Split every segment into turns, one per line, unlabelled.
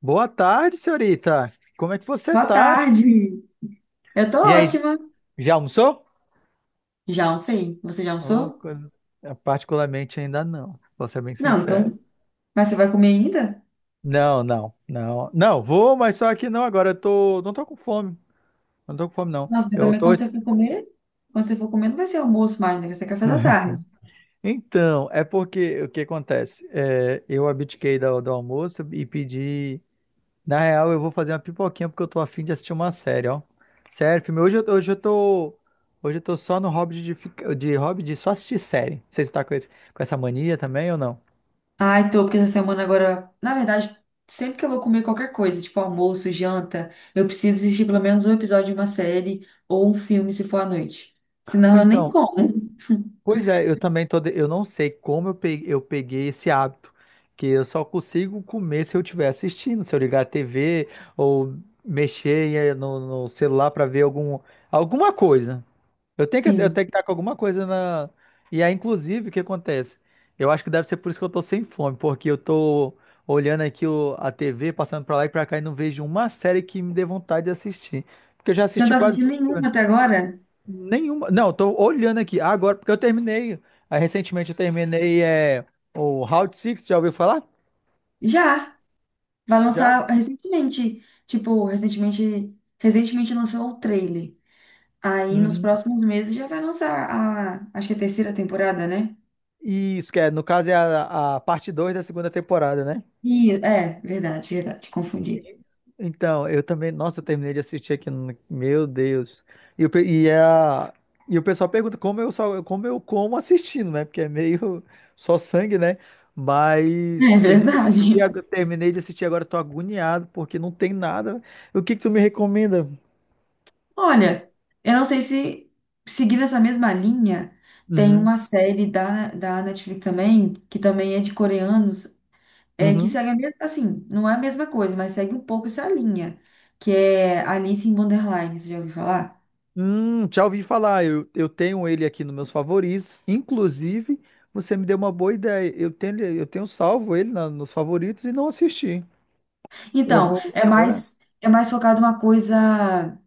Boa tarde, senhorita. Como é que você
Boa
tá?
tarde. Eu tô
E aí,
ótima.
já almoçou?
Já almocei. Você já
Ô,
almoçou?
coisa- Particularmente ainda não, vou ser bem
Não,
sincero.
então. Mas você vai comer ainda?
Não, não, não. Não, vou, mas só que não agora. Não tô com fome. Não tô com fome, não.
Nossa, mas
Eu
também
tô.
quando você for comer, quando você for comer, não vai ser almoço mais, né? Vai ser café da tarde.
Então, é porque o que acontece? Eu abdiquei do almoço e pedi. Na real, eu vou fazer uma pipoquinha porque eu tô afim de assistir uma série, ó. Sério, filme. Hoje eu tô. Hoje eu tô só no hobby de só assistir série. Você está com, esse- Com essa mania também ou não?
Ai, tô, porque essa semana agora, na verdade, sempre que eu vou comer qualquer coisa, tipo almoço, janta, eu preciso assistir pelo menos um episódio de uma série ou um filme se for à noite. Senão eu nem
Então,
como.
pois é, eu também tô. De- Eu não sei como eu peguei esse hábito. Que eu só consigo comer se eu estiver assistindo, se eu ligar a TV ou mexer no celular pra ver alguma coisa. Eu
Sim.
tenho que estar com alguma coisa na. E aí, inclusive, o que acontece? Eu acho que deve ser por isso que eu tô sem fome, porque eu tô olhando aqui a TV, passando pra lá e pra cá e não vejo uma série que me dê vontade de assistir. Porque eu já
Você não
assisti
tá
quase
assistindo
tudo, né?
nenhuma até agora?
Nenhuma. Não, eu tô olhando aqui agora, porque eu terminei. Aí, recentemente eu terminei o Round Six, já ouviu falar?
Já. Vai
Já.
lançar recentemente. Tipo, recentemente. Recentemente lançou o trailer. Aí nos
Uhum.
próximos meses já vai lançar a, acho que é a terceira temporada, né?
Isso, que é, no caso é a parte 2 da segunda temporada, né?
É, verdade, verdade, confundi.
Então, eu também. Nossa, eu terminei de assistir aqui. Meu Deus. E, o pe- e, a, e o pessoal pergunta como eu como assistindo, né? Porque é meio só sangue, né? Mas
É
terminei de
verdade.
terminei de assistir agora, tô agoniado, porque não tem nada. O que que tu me recomenda?
Olha, eu não sei se seguindo essa mesma linha, tem
Uhum.
uma série da Netflix também, que também é de coreanos, é que
Uhum.
segue a mesma, assim, não é a mesma coisa, mas segue um pouco essa linha, que é Alice in Borderline, você já ouviu falar?
Já ouvi falar. Eu tenho ele aqui nos meus favoritos. Inclusive, você me deu uma boa ideia. Eu tenho salvo ele nos favoritos e não assisti. Eu
Então,
vou
é
olhar.
mais é mais focado uma coisa,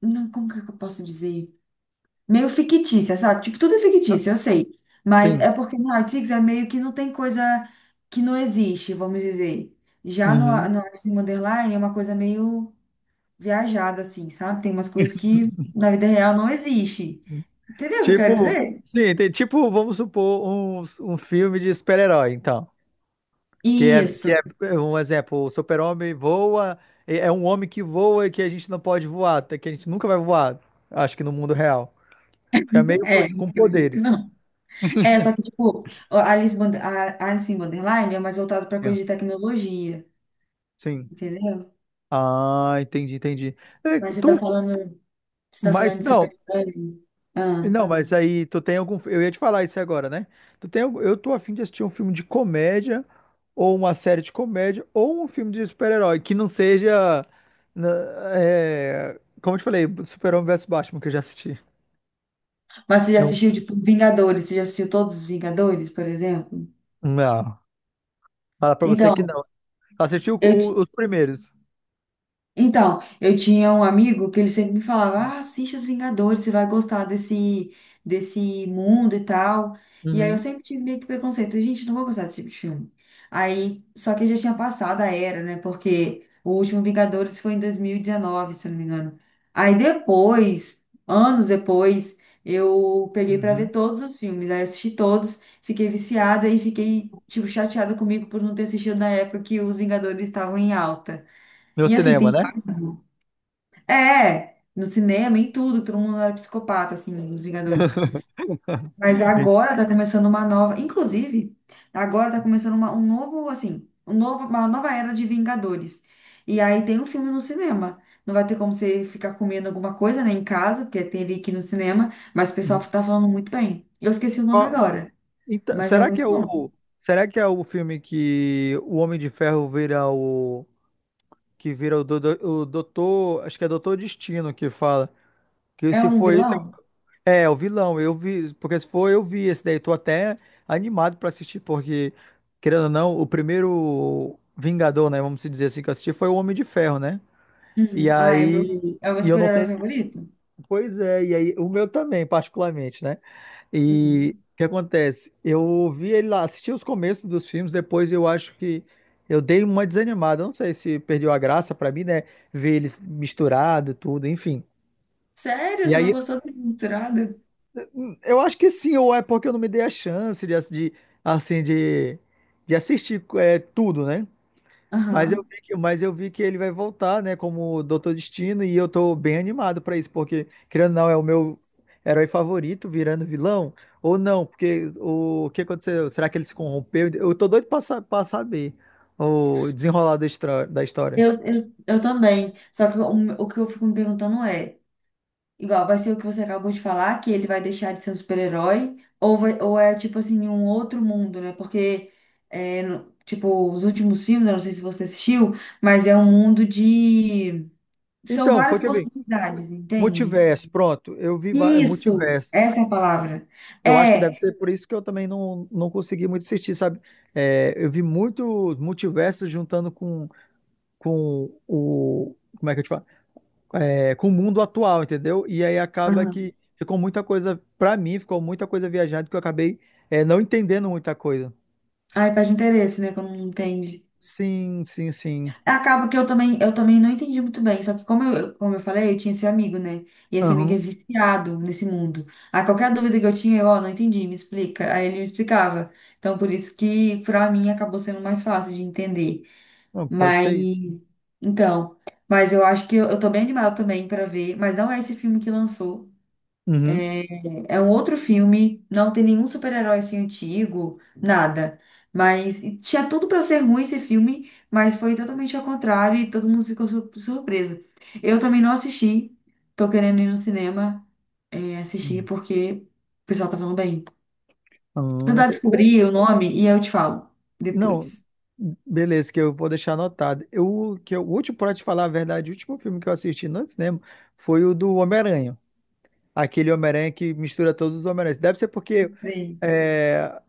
não, como que eu posso dizer? Meio fictícia, sabe? Tipo, tudo é
Ah,
fictício, eu sei. Mas
sim.
é porque no Artix é meio que não tem coisa que não existe, vamos dizer. Já no,
Uhum.
no Alice in Wonderland é uma coisa meio viajada, assim, sabe? Tem umas coisas que na vida real não existe. Entendeu o que eu quero
Tipo,
dizer?
sim, tem, tipo, vamos supor, um filme de super-herói, então. Que
Isso,
é é um exemplo, o super-homem voa, é um homem que voa e que a gente não pode voar, até que a gente nunca vai voar, acho que no mundo real. É meio
é,
com
acredito que
poderes.
não. É, só que, tipo, a Alice, Bond- a Alice in Wonderland é mais voltado para
Sim.
coisa de tecnologia,
Sim.
entendeu?
Ah, entendi, entendi. É,
Mas você tá
tu,
falando, você tá falando
mas
de
não,
super-herói? Ah.
Não, mas aí tu tem algum. Eu ia te falar isso agora, né? Eu tô afim de assistir um filme de comédia, ou uma série de comédia, ou um filme de super-herói, que não seja. na- É, como eu te falei, Super-Homem versus Batman, que eu já assisti.
Mas você já
Eu,
assistiu, tipo, Vingadores? Você já assistiu todos os Vingadores, por exemplo?
não, fala pra você que
Então,
não.
eu
Os primeiros.
Então, eu tinha um amigo que ele sempre me falava: ah, assiste Os Vingadores, você vai gostar desse, desse mundo e tal. E aí eu
Uhum,
sempre tive meio que preconceito: gente, não vou gostar desse tipo de filme. Aí, só que já tinha passado a era, né? Porque o último Vingadores foi em 2019, se eu não me engano. Aí depois, anos depois, eu peguei pra ver
uhum.
todos os filmes. Aí eu assisti todos, fiquei viciada e fiquei, tipo, chateada comigo por não ter assistido na época que os Vingadores estavam em alta.
No
E assim,
cinema,
tem
né?
vários, né? É, no cinema, em tudo, todo mundo era psicopata, assim, os Vingadores. Mas agora tá começando uma nova. Inclusive, agora tá começando uma, um novo, assim, um novo, uma nova era de Vingadores. E aí tem um filme no cinema. Não vai ter como você ficar comendo alguma coisa, né, em casa, porque tem ele aqui no cinema. Mas o pessoal
Uhum.
tá falando muito bem. Eu esqueci o nome
Qual-
agora,
então,
mas é
será que é
muito bom.
o. Será que é o filme que o Homem de Ferro vira o. que vira o, do, O doutor, acho que é doutor Destino que fala, que
É
se
um
for esse,
vilão?
é, é o vilão, eu vi, porque se for eu vi esse daí, tô até animado pra assistir, porque, querendo ou não, o primeiro Vingador, né, vamos dizer assim, que eu assisti foi o Homem de Ferro, né, e
Uhum. Ah,
aí,
é o meu
e eu não
super-herói
tenho,
favorito?
pois é, e aí, o meu também, particularmente, né, e
Uhum.
o que acontece? Eu vi ele lá, assisti os começos dos filmes, depois eu acho que eu dei uma desanimada. Eu não sei se perdeu a graça pra mim, né? Ver eles misturado, tudo, enfim.
Sério?
E
Você não
aí,
gostou do Misturado?
eu acho que sim, ou é porque eu não me dei a chance de de assistir tudo, né?
Aham.
Mas eu vi que ele vai voltar, né, como Doutor Destino, e eu tô bem animado pra isso, porque, querendo ou não, é o meu herói favorito virando vilão, ou não, porque o que aconteceu? Será que ele se corrompeu? Eu tô doido pra saber o desenrolar da história.
Eu também. Só que o que eu fico me perguntando é, igual, vai ser o que você acabou de falar, que ele vai deixar de ser um super-herói, ou, vai- ou é tipo assim, um outro mundo, né? Porque, é, no- tipo, os últimos filmes, eu não sei se você assistiu, mas é um mundo de. São
Então, foi
várias
que eu vi.
possibilidades, entende?
Multiverso, pronto, eu vi
Isso!
multiversos.
Essa é a palavra.
Eu acho que deve
É.
ser por isso que eu também não consegui muito assistir, sabe? É, eu vi muito multiversos juntando com o. Como é que eu te falo? Com o mundo atual, entendeu? E aí acaba
Aham.
que ficou muita coisa, pra mim, ficou muita coisa viajada que eu acabei não entendendo muita coisa.
Ai, perde interesse, né? Quando não entende.
Sim, sim, sim.
Acaba que eu também não entendi muito bem. Só que como eu falei, eu tinha esse amigo, né? E esse amigo é
Aham.
viciado nesse mundo. Aí qualquer dúvida que eu tinha, eu, ó, não entendi, me explica. Aí ele me explicava. Então, por isso que pra mim acabou sendo mais fácil de entender.
Não, pode
Mas,
ser isso.
então, mas eu acho que eu tô bem animada também pra ver. Mas não é esse filme que lançou.
Uhum.
É um outro filme, não tem nenhum super-herói assim antigo, nada. Mas e tinha tudo pra ser ruim esse filme, mas foi totalmente ao contrário e todo mundo ficou sur- surpreso. Eu também não assisti, tô querendo ir no cinema assistir porque o pessoal tá falando bem. Vou tentar
Ente- o-
descobrir o nome e eu te falo
não,
depois.
Beleza, que eu vou deixar anotado. O último, pra te falar a verdade, o último filme que eu assisti no cinema foi o do Homem-Aranha. Aquele Homem-Aranha que mistura todos os Homem-Aranhas. Deve ser porque.
Bem.
é,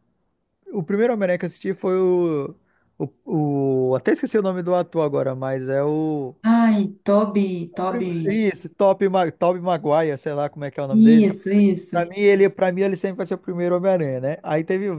O primeiro Homem-Aranha que eu assisti foi o, até esqueci o nome do ator agora, mas é o.
Ai, Toby, Toby.
Isso, Tobey Maguire, sei lá como é que é o nome dele.
Isso, isso.
Pra mim, ele sempre vai ser o primeiro Homem-Aranha, né? Aí teve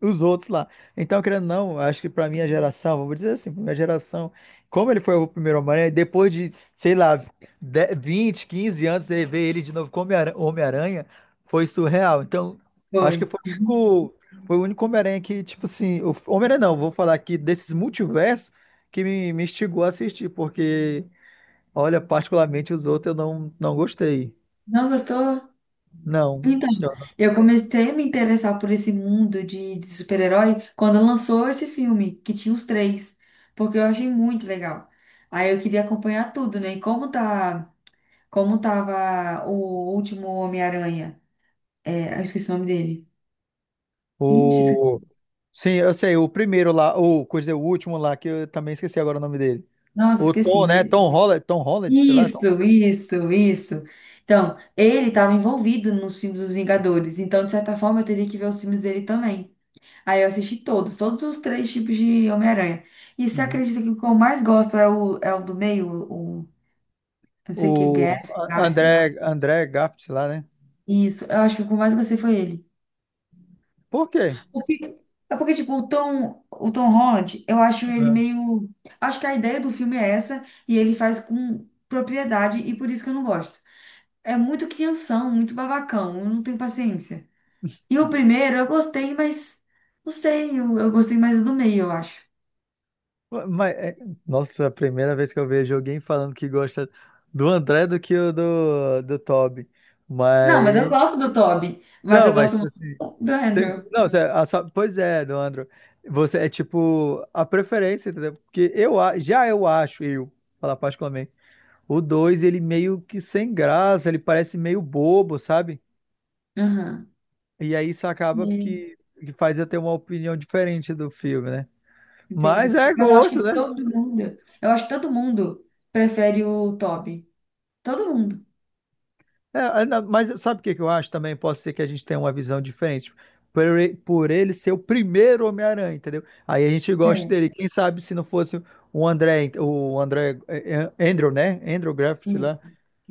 os outros lá. Então, querendo ou não, acho que pra minha geração, vamos dizer assim, pra minha geração, como ele foi o primeiro Homem-Aranha, depois de, sei lá, 10, 20, 15 anos, de ver ele de novo como Homem-Aranha, Homem-Aranha, foi surreal. Então, acho que
Foi.
foi o único Homem-Aranha que, tipo assim, o Homem-Aranha não, vou falar aqui desses multiversos que me instigou a assistir, porque, olha, particularmente os outros eu não gostei.
Não gostou?
Não.
Então,
Eu
eu comecei a me interessar por esse mundo de super-herói quando lançou esse filme, que tinha os três, porque eu achei muito legal. Aí eu queria acompanhar tudo, né? E como tá, como tava o último Homem-Aranha? É, eu esqueci o nome dele. Ixi,
o
esqueci.
Sim, eu sei, o primeiro lá, ou quer dizer, o último lá, que eu também esqueci agora o nome dele.
Nossa,
O
esqueci,
Tom,
mas...
né? Tom Holland, Tom Holland, sei lá.
Isso, isso, isso. Então, ele estava envolvido nos filmes dos Vingadores, então, de certa forma, eu teria que ver os filmes dele também. Aí eu assisti todos, todos os três tipos de Homem-Aranha. E você
Uhum.
acredita que o que eu mais gosto é o do meio, o- eu não sei o que, Garf, Garfield.
André, André Garfield, sei lá, né?
Isso, eu acho que o que eu mais gostei foi ele.
Por quê?
Porque, é porque, tipo, o Tom Holland, eu acho ele
Ah,
meio. Acho que a ideia do filme é essa, e ele faz com propriedade, e por isso que eu não gosto. É muito crianção, muito babacão, eu não tenho paciência. E o primeiro eu gostei, mas não sei, eu gostei mais do meio, eu acho.
Mas, é- nossa, a primeira vez que eu vejo alguém falando que gosta do André do que do Toby.
Não, mas eu
Mas,
gosto do Toby. Mas
não,
eu
mas,
gosto
tipo
muito
assim,
do
você-
Andrew.
não, você- a sua- Pois é, do Andro, você é tipo a preferência, entendeu? Porque já eu acho, eu, falar particularmente. O 2 ele meio que sem graça, ele parece meio bobo, sabe?
Aham.
E aí isso acaba
Sim.
que faz eu ter uma opinião diferente do filme, né?
Entendi.
Mas é
Mas eu acho
gosto,
que
né?
todo mundo, eu acho que todo mundo prefere o Toby. Todo mundo.
Não, mas sabe o que que eu acho também? Pode ser que a gente tenha uma visão diferente. Por ele ser o primeiro Homem-Aranha, entendeu? Aí a gente gosta
É,
dele. Quem sabe se não fosse o André, Andrew, né? Andrew Garfield, sei lá.
isso.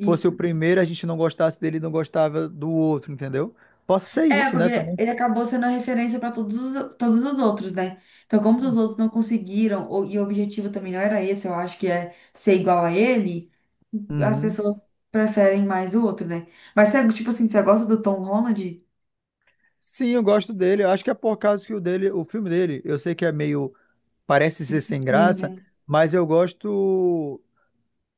Fosse o primeiro, a gente não gostasse dele e não gostava do outro, entendeu? Posso ser
É,
isso, né,
porque
também.
ele acabou sendo a referência para todos os outros, né? Então, como os outros não conseguiram, ou- e o objetivo também não era esse, eu acho que é ser igual a ele, as
Uhum.
pessoas preferem mais o outro, né? Mas, você, tipo assim, você gosta do Tom Holland?
Sim, eu gosto dele. Eu acho que é por causa que o dele, o filme dele, eu sei que é meio, parece ser sem
Eu,
graça,
né?
mas eu gosto.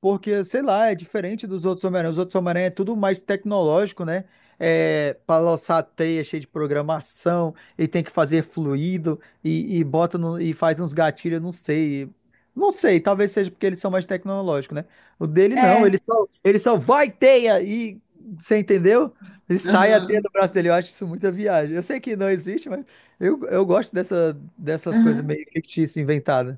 Porque, sei lá, é diferente dos outros Homem-Aranha. Os outros Homem-Aranha é tudo mais tecnológico, né? É, para lançar a teia cheia de programação e tem que fazer fluido e bota no- e faz uns gatilhos, não sei. Não sei, talvez seja porque eles são mais tecnológicos, né? O dele não,
É.
ele só vai teia e você entendeu? E sai a teia
Aham.
do braço dele. Eu acho isso muita viagem. Eu sei que não existe, mas eu gosto dessa, dessas coisas
Aham,
meio fictícias, inventadas,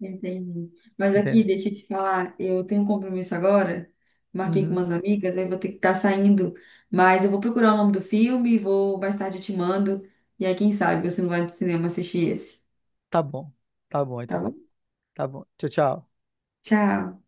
entendi. Mas aqui,
entende?
deixa eu te falar, eu tenho um compromisso agora, marquei com
Uhum,
umas amigas, aí vou ter que estar saindo, mas eu vou procurar o nome do filme, vou mais tarde eu te mando, e aí quem sabe você não vai no cinema assistir esse,
tá bom, tá bom
tá
então.
bom?
Tá bom. Tchau, tchau.
Tchau.